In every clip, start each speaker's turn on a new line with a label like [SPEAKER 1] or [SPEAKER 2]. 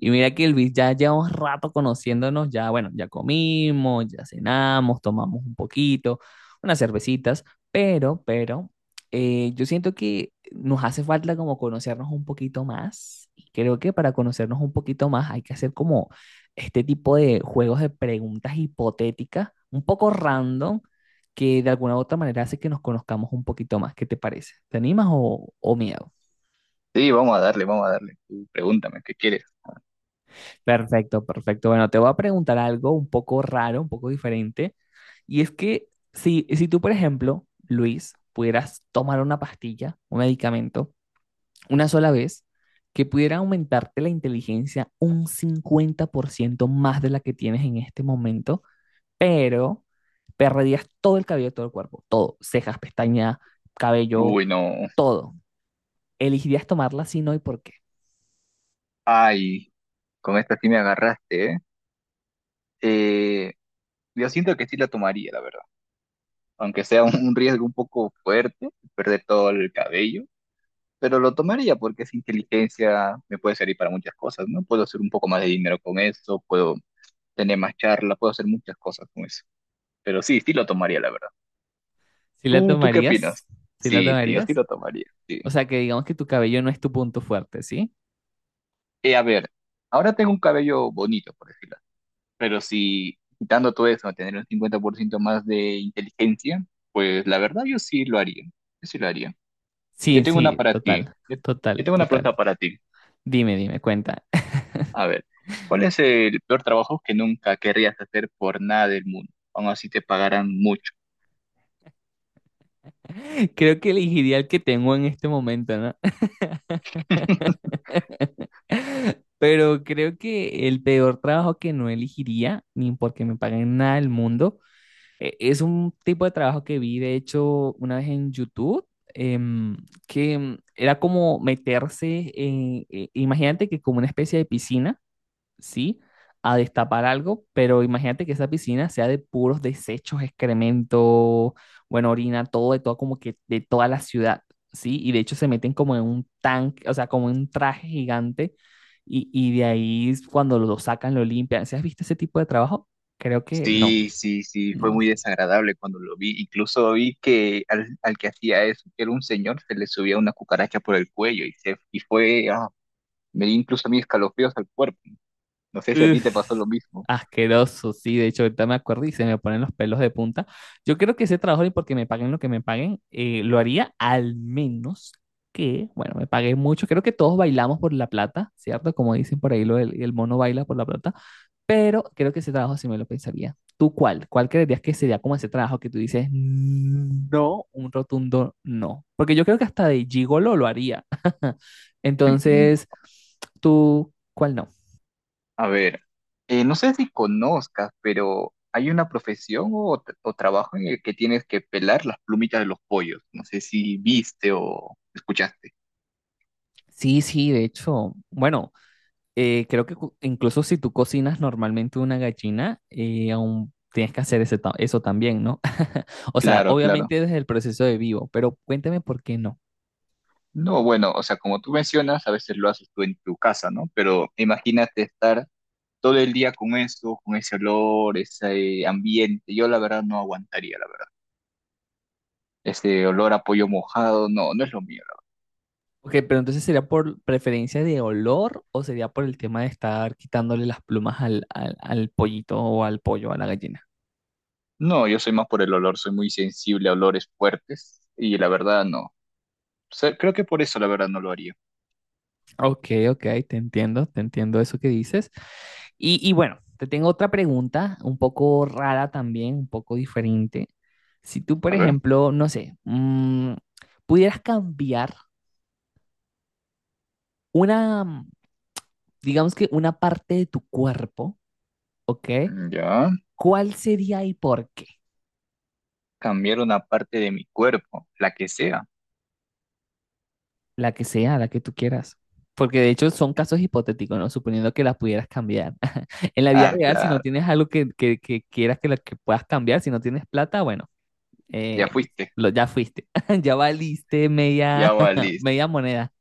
[SPEAKER 1] Y mira que Elvis ya lleva un rato conociéndonos, ya bueno, ya comimos, ya cenamos, tomamos un poquito, unas cervecitas, pero yo siento que nos hace falta como conocernos un poquito más. Y creo que para conocernos un poquito más hay que hacer como este tipo de juegos de preguntas hipotéticas, un poco random, que de alguna u otra manera hace que nos conozcamos un poquito más. ¿Qué te parece? ¿Te animas o miedo?
[SPEAKER 2] Sí, vamos a darle, vamos a darle. Tú pregúntame, ¿qué quieres?
[SPEAKER 1] Perfecto, perfecto. Bueno, te voy a preguntar algo un poco raro, un poco diferente. Y es que si tú, por ejemplo, Luis, pudieras tomar una pastilla, un medicamento, una sola vez, que pudiera aumentarte la inteligencia un 50% más de la que tienes en este momento, pero perderías todo el cabello de todo el cuerpo, todo, cejas, pestañas, cabello,
[SPEAKER 2] Uy, no.
[SPEAKER 1] todo. ¿Elegirías tomarla si no y por qué?
[SPEAKER 2] Ay, con esta sí me agarraste, ¿eh? Eh, yo siento que sí la tomaría, la verdad. Aunque sea un riesgo un poco fuerte, perder todo el cabello, pero lo tomaría porque esa inteligencia me puede servir para muchas cosas, ¿no? Puedo hacer un poco más de dinero con eso, puedo tener más charla, puedo hacer muchas cosas con eso. Pero sí, sí lo tomaría, la verdad.
[SPEAKER 1] ¿Si la
[SPEAKER 2] ¿Tú qué opinas?
[SPEAKER 1] tomarías? ¿Si la
[SPEAKER 2] Sí, sí, yo sí
[SPEAKER 1] tomarías?
[SPEAKER 2] lo tomaría, sí.
[SPEAKER 1] O sea, que digamos que tu cabello no es tu punto fuerte, ¿sí?
[SPEAKER 2] A ver, ahora tengo un cabello bonito, por decirlo. Pero si quitando todo eso, tener un 50% más de inteligencia, pues la verdad yo sí lo haría. Yo sí lo haría. Yo
[SPEAKER 1] Sí,
[SPEAKER 2] tengo una
[SPEAKER 1] sí,
[SPEAKER 2] para ti.
[SPEAKER 1] total,
[SPEAKER 2] Yo
[SPEAKER 1] total,
[SPEAKER 2] tengo una
[SPEAKER 1] total.
[SPEAKER 2] pregunta para ti.
[SPEAKER 1] Dime, dime, cuenta.
[SPEAKER 2] A ver, ¿cuál es el peor trabajo que nunca querrías hacer por nada del mundo? Aún así te pagaran mucho.
[SPEAKER 1] Creo que elegiría el que tengo en este momento, ¿no? Pero creo que el peor trabajo que no elegiría, ni porque me paguen nada del mundo, es un tipo de trabajo que vi, de hecho, una vez en YouTube, em, que era como meterse en, imagínate que como una especie de piscina, ¿sí? A destapar algo, pero imagínate que esa piscina sea de puros desechos, excremento, bueno, orina, todo, de todo, como que de toda la ciudad, ¿sí? Y de hecho se meten como en un tanque, o sea, como en un traje gigante, y de ahí cuando lo sacan, lo limpian. ¿Sí has visto ese tipo de trabajo? Creo que no,
[SPEAKER 2] Sí, sí, sí, fue
[SPEAKER 1] no.
[SPEAKER 2] muy desagradable cuando lo vi. Incluso vi que al, al que hacía eso, que era un señor, se le subía una cucaracha por el cuello y, se, y fue, ah, me dio incluso a mí escalofríos al cuerpo. No sé si a ti te pasó
[SPEAKER 1] Uf,
[SPEAKER 2] lo mismo.
[SPEAKER 1] asqueroso, sí. De hecho, ahorita me acuerdo y se me ponen los pelos de punta. Yo creo que ese trabajo, y porque me paguen lo que me paguen, lo haría al menos que, bueno, me paguen mucho. Creo que todos bailamos por la plata, ¿cierto? Como dicen por ahí, lo del, el mono baila por la plata. Pero creo que ese trabajo sí me lo pensaría. ¿Tú cuál? ¿Cuál creerías que sería como ese trabajo que tú dices, no, un rotundo no? Porque yo creo que hasta de gigolo lo haría. Entonces, ¿tú cuál no?
[SPEAKER 2] A ver, no sé si conozcas, pero hay una profesión o, o trabajo en el que tienes que pelar las plumitas de los pollos. No sé si viste o escuchaste.
[SPEAKER 1] Sí, sí, de hecho, bueno, creo que incluso si tú cocinas normalmente una gallina, aún tienes que hacer eso también, ¿no? O sea,
[SPEAKER 2] Claro, claro.
[SPEAKER 1] obviamente desde el proceso de vivo, pero cuéntame por qué no.
[SPEAKER 2] No, bueno, o sea, como tú mencionas, a veces lo haces tú en tu casa, ¿no? Pero imagínate estar todo el día con eso, con ese olor, ese ambiente. Yo la verdad no aguantaría, la verdad. Ese olor a pollo mojado, no, no es lo mío, la verdad.
[SPEAKER 1] Ok, pero entonces sería por preferencia de olor o sería por el tema de estar quitándole las plumas al pollito o al pollo, a la gallina.
[SPEAKER 2] No, yo soy más por el olor, soy muy sensible a olores fuertes y la verdad no. Sea, creo que por eso la verdad no lo haría.
[SPEAKER 1] Ok, ok, te entiendo eso que dices. Y bueno, te tengo otra pregunta, un poco rara también, un poco diferente. Si tú, por
[SPEAKER 2] A ver,
[SPEAKER 1] ejemplo, no sé, mm, pudieras cambiar una, digamos que una parte de tu cuerpo, ¿ok?
[SPEAKER 2] mm, ya.
[SPEAKER 1] ¿Cuál sería y por qué?
[SPEAKER 2] Cambiar una parte de mi cuerpo, la que sea.
[SPEAKER 1] La que sea, la que tú quieras. Porque de hecho son casos hipotéticos, ¿no? Suponiendo que la pudieras cambiar. En la vida
[SPEAKER 2] Ah,
[SPEAKER 1] real, si no
[SPEAKER 2] claro,
[SPEAKER 1] tienes algo que quieras que puedas cambiar, si no tienes plata, bueno.
[SPEAKER 2] ya
[SPEAKER 1] Eh,
[SPEAKER 2] fuiste,
[SPEAKER 1] ya fuiste, ya valiste
[SPEAKER 2] ya
[SPEAKER 1] media,
[SPEAKER 2] valiste.
[SPEAKER 1] media moneda.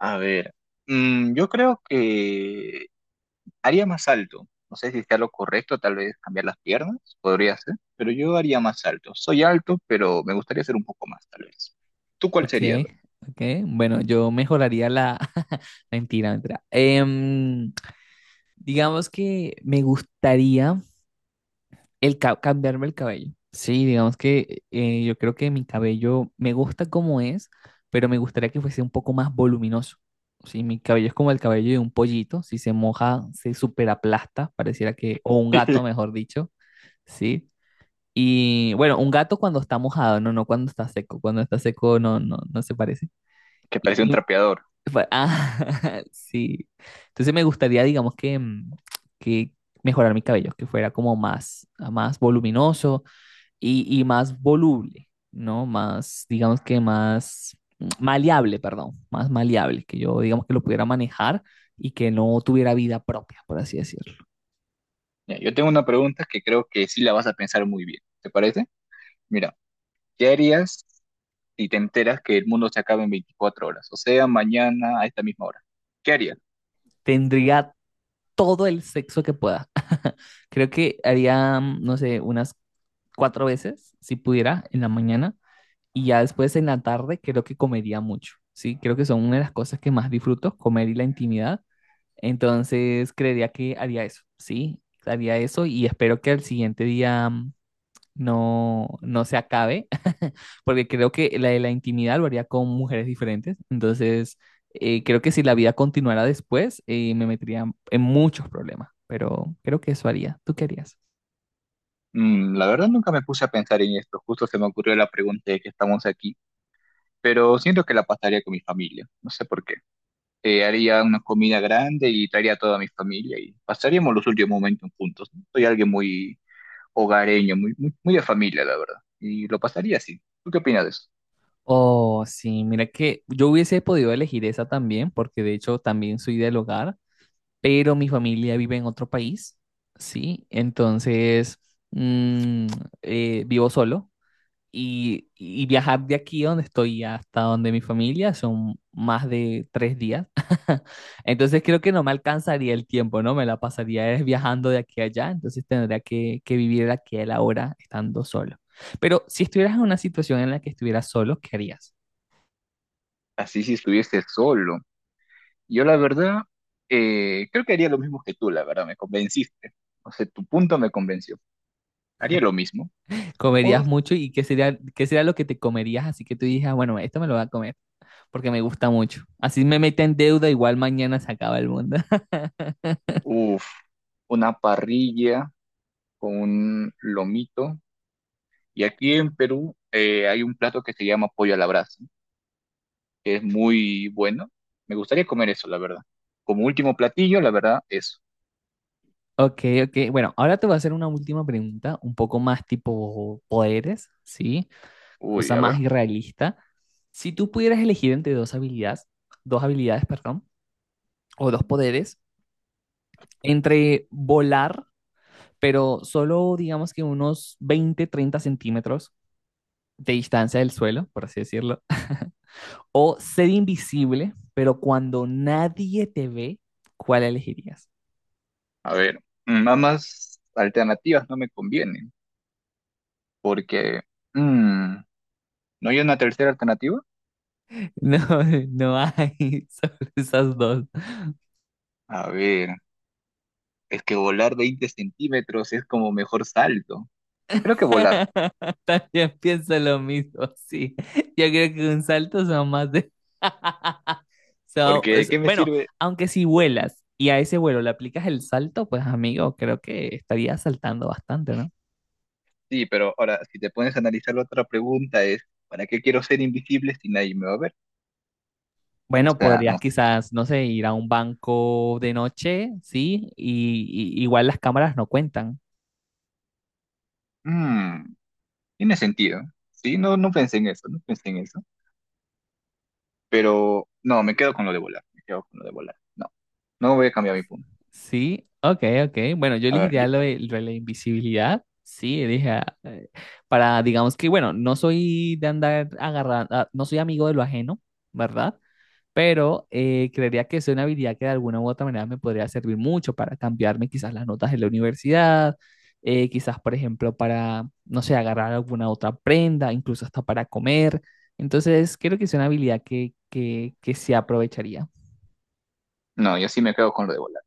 [SPEAKER 2] A ver, mm, yo creo que haría más alto. No sé si sea lo correcto, tal vez cambiar las piernas, podría ser, pero yo haría más alto. Soy alto, pero me gustaría ser un poco más, tal vez. ¿Tú cuál
[SPEAKER 1] Ok,
[SPEAKER 2] sería? A ver,
[SPEAKER 1] ok. Bueno, yo mejoraría la... Mentira, mentira. Digamos que me gustaría cambiarme el cabello. Sí, digamos que yo creo que mi cabello me gusta como es, pero me gustaría que fuese un poco más voluminoso. Sí, mi cabello es como el cabello de un pollito. Si se moja, se superaplasta, pareciera que... O un gato, mejor dicho. Sí. Y bueno, un gato cuando está mojado, no, no cuando está seco. Cuando está seco no, no, no se parece.
[SPEAKER 2] que
[SPEAKER 1] Y-
[SPEAKER 2] parece un
[SPEAKER 1] y
[SPEAKER 2] trapeador.
[SPEAKER 1] sí. Entonces me gustaría, digamos, que mejorar mi cabello, que fuera como más voluminoso y más voluble, ¿no? Más, digamos que más más maleable, que yo, digamos, que lo pudiera manejar y que no tuviera vida propia, por así decirlo.
[SPEAKER 2] Ya, yo tengo una pregunta que creo que sí la vas a pensar muy bien. ¿Te parece? Mira, ¿qué harías? Y te enteras que el mundo se acaba en 24 horas, o sea, mañana a esta misma hora. ¿Qué harías?
[SPEAKER 1] Tendría todo el sexo que pueda. Creo que haría, no sé, unas cuatro veces, si pudiera, en la mañana. Y ya después en la tarde creo que comería mucho, ¿sí? Creo que son una de las cosas que más disfruto, comer y la intimidad. Entonces creería que haría eso, ¿sí? Haría eso y espero que al siguiente día no, no se acabe, porque creo que la de la intimidad lo haría con mujeres diferentes. Entonces, creo que si la vida continuara después, me metería en muchos problemas, pero creo que eso haría. ¿Tú qué harías?
[SPEAKER 2] Mm, la verdad nunca me puse a pensar en esto, justo se me ocurrió la pregunta de que estamos aquí, pero siento que la pasaría con mi familia, no sé por qué. Haría una comida grande y traería a toda mi familia y pasaríamos los últimos momentos juntos, ¿no? Soy alguien muy hogareño, muy, muy, muy de familia, la verdad, y lo pasaría así. ¿Tú qué opinas de eso?
[SPEAKER 1] Oh, sí, mira que yo hubiese podido elegir esa también, porque de hecho también soy del hogar, pero mi familia vive en otro país, ¿sí? Entonces, mm, vivo solo. Y viajar de aquí donde estoy hasta donde mi familia son más de 3 días. Entonces creo que no me alcanzaría el tiempo, ¿no? Me la pasaría es viajando de aquí a allá, entonces tendría que vivir el aquí y el ahora estando solo. Pero si estuvieras en una situación en la que estuvieras solo, ¿qué harías?
[SPEAKER 2] Así si estuviese solo. Yo la verdad, creo que haría lo mismo que tú, la verdad, me convenciste. O sea, tu punto me convenció. Haría lo mismo. O,
[SPEAKER 1] ¿Comerías mucho y qué sería lo que te comerías? Así que tú dijeras, bueno, esto me lo voy a comer porque me gusta mucho. Así me mete en deuda, igual mañana se acaba el mundo.
[SPEAKER 2] uf, una parrilla con un lomito. Y aquí en Perú hay un plato que se llama pollo a la brasa, que es muy bueno. Me gustaría comer eso, la verdad. Como último platillo, la verdad, eso.
[SPEAKER 1] Ok, ok. Bueno, ahora te voy a hacer una última pregunta, un poco más tipo poderes, ¿sí?
[SPEAKER 2] Uy,
[SPEAKER 1] Cosa
[SPEAKER 2] a
[SPEAKER 1] más
[SPEAKER 2] ver,
[SPEAKER 1] irrealista. Si tú pudieras elegir entre dos habilidades, perdón, o dos poderes, entre volar, pero solo digamos que unos 20, 30 centímetros de distancia del suelo, por así decirlo, o ser invisible, pero cuando nadie te ve, ¿cuál elegirías?
[SPEAKER 2] a ver. Mm, nada más alternativas no me convienen, porque... mm, ¿no hay una tercera alternativa?
[SPEAKER 1] No, no hay solo esas dos.
[SPEAKER 2] A ver. Es que volar 20 centímetros es como mejor salto. Creo que volar,
[SPEAKER 1] También pienso lo mismo, sí. Yo creo que un salto son más de...
[SPEAKER 2] porque ¿de qué me
[SPEAKER 1] bueno,
[SPEAKER 2] sirve?
[SPEAKER 1] aunque si vuelas y a ese vuelo le aplicas el salto, pues amigo, creo que estarías saltando bastante, ¿no?
[SPEAKER 2] Sí, pero ahora, si te pones a analizar la otra pregunta es, ¿para qué quiero ser invisible si nadie me va a ver? O
[SPEAKER 1] Bueno,
[SPEAKER 2] sea,
[SPEAKER 1] podrías
[SPEAKER 2] no sé.
[SPEAKER 1] quizás, no sé, ir a un banco de noche, ¿sí? Igual las cámaras no cuentan.
[SPEAKER 2] Mm, tiene sentido. Sí, no, no pensé en eso, no pensé en eso. Pero no, me quedo con lo de volar, me quedo con lo de volar. No, no voy a cambiar mi punto.
[SPEAKER 1] Sí, ok, ok. Bueno, yo
[SPEAKER 2] A ver,
[SPEAKER 1] elegiría lo de la invisibilidad. Sí, dije, para, digamos que, bueno, no soy de andar agarrando, ah, no soy amigo de lo ajeno, ¿verdad? Pero creería que es una habilidad que de alguna u otra manera me podría servir mucho para cambiarme quizás las notas de la universidad, quizás, por ejemplo, para, no sé, agarrar alguna otra prenda, incluso hasta para comer. Entonces, creo que es una habilidad que se aprovecharía.
[SPEAKER 2] no, yo sí me quedo con lo de volar.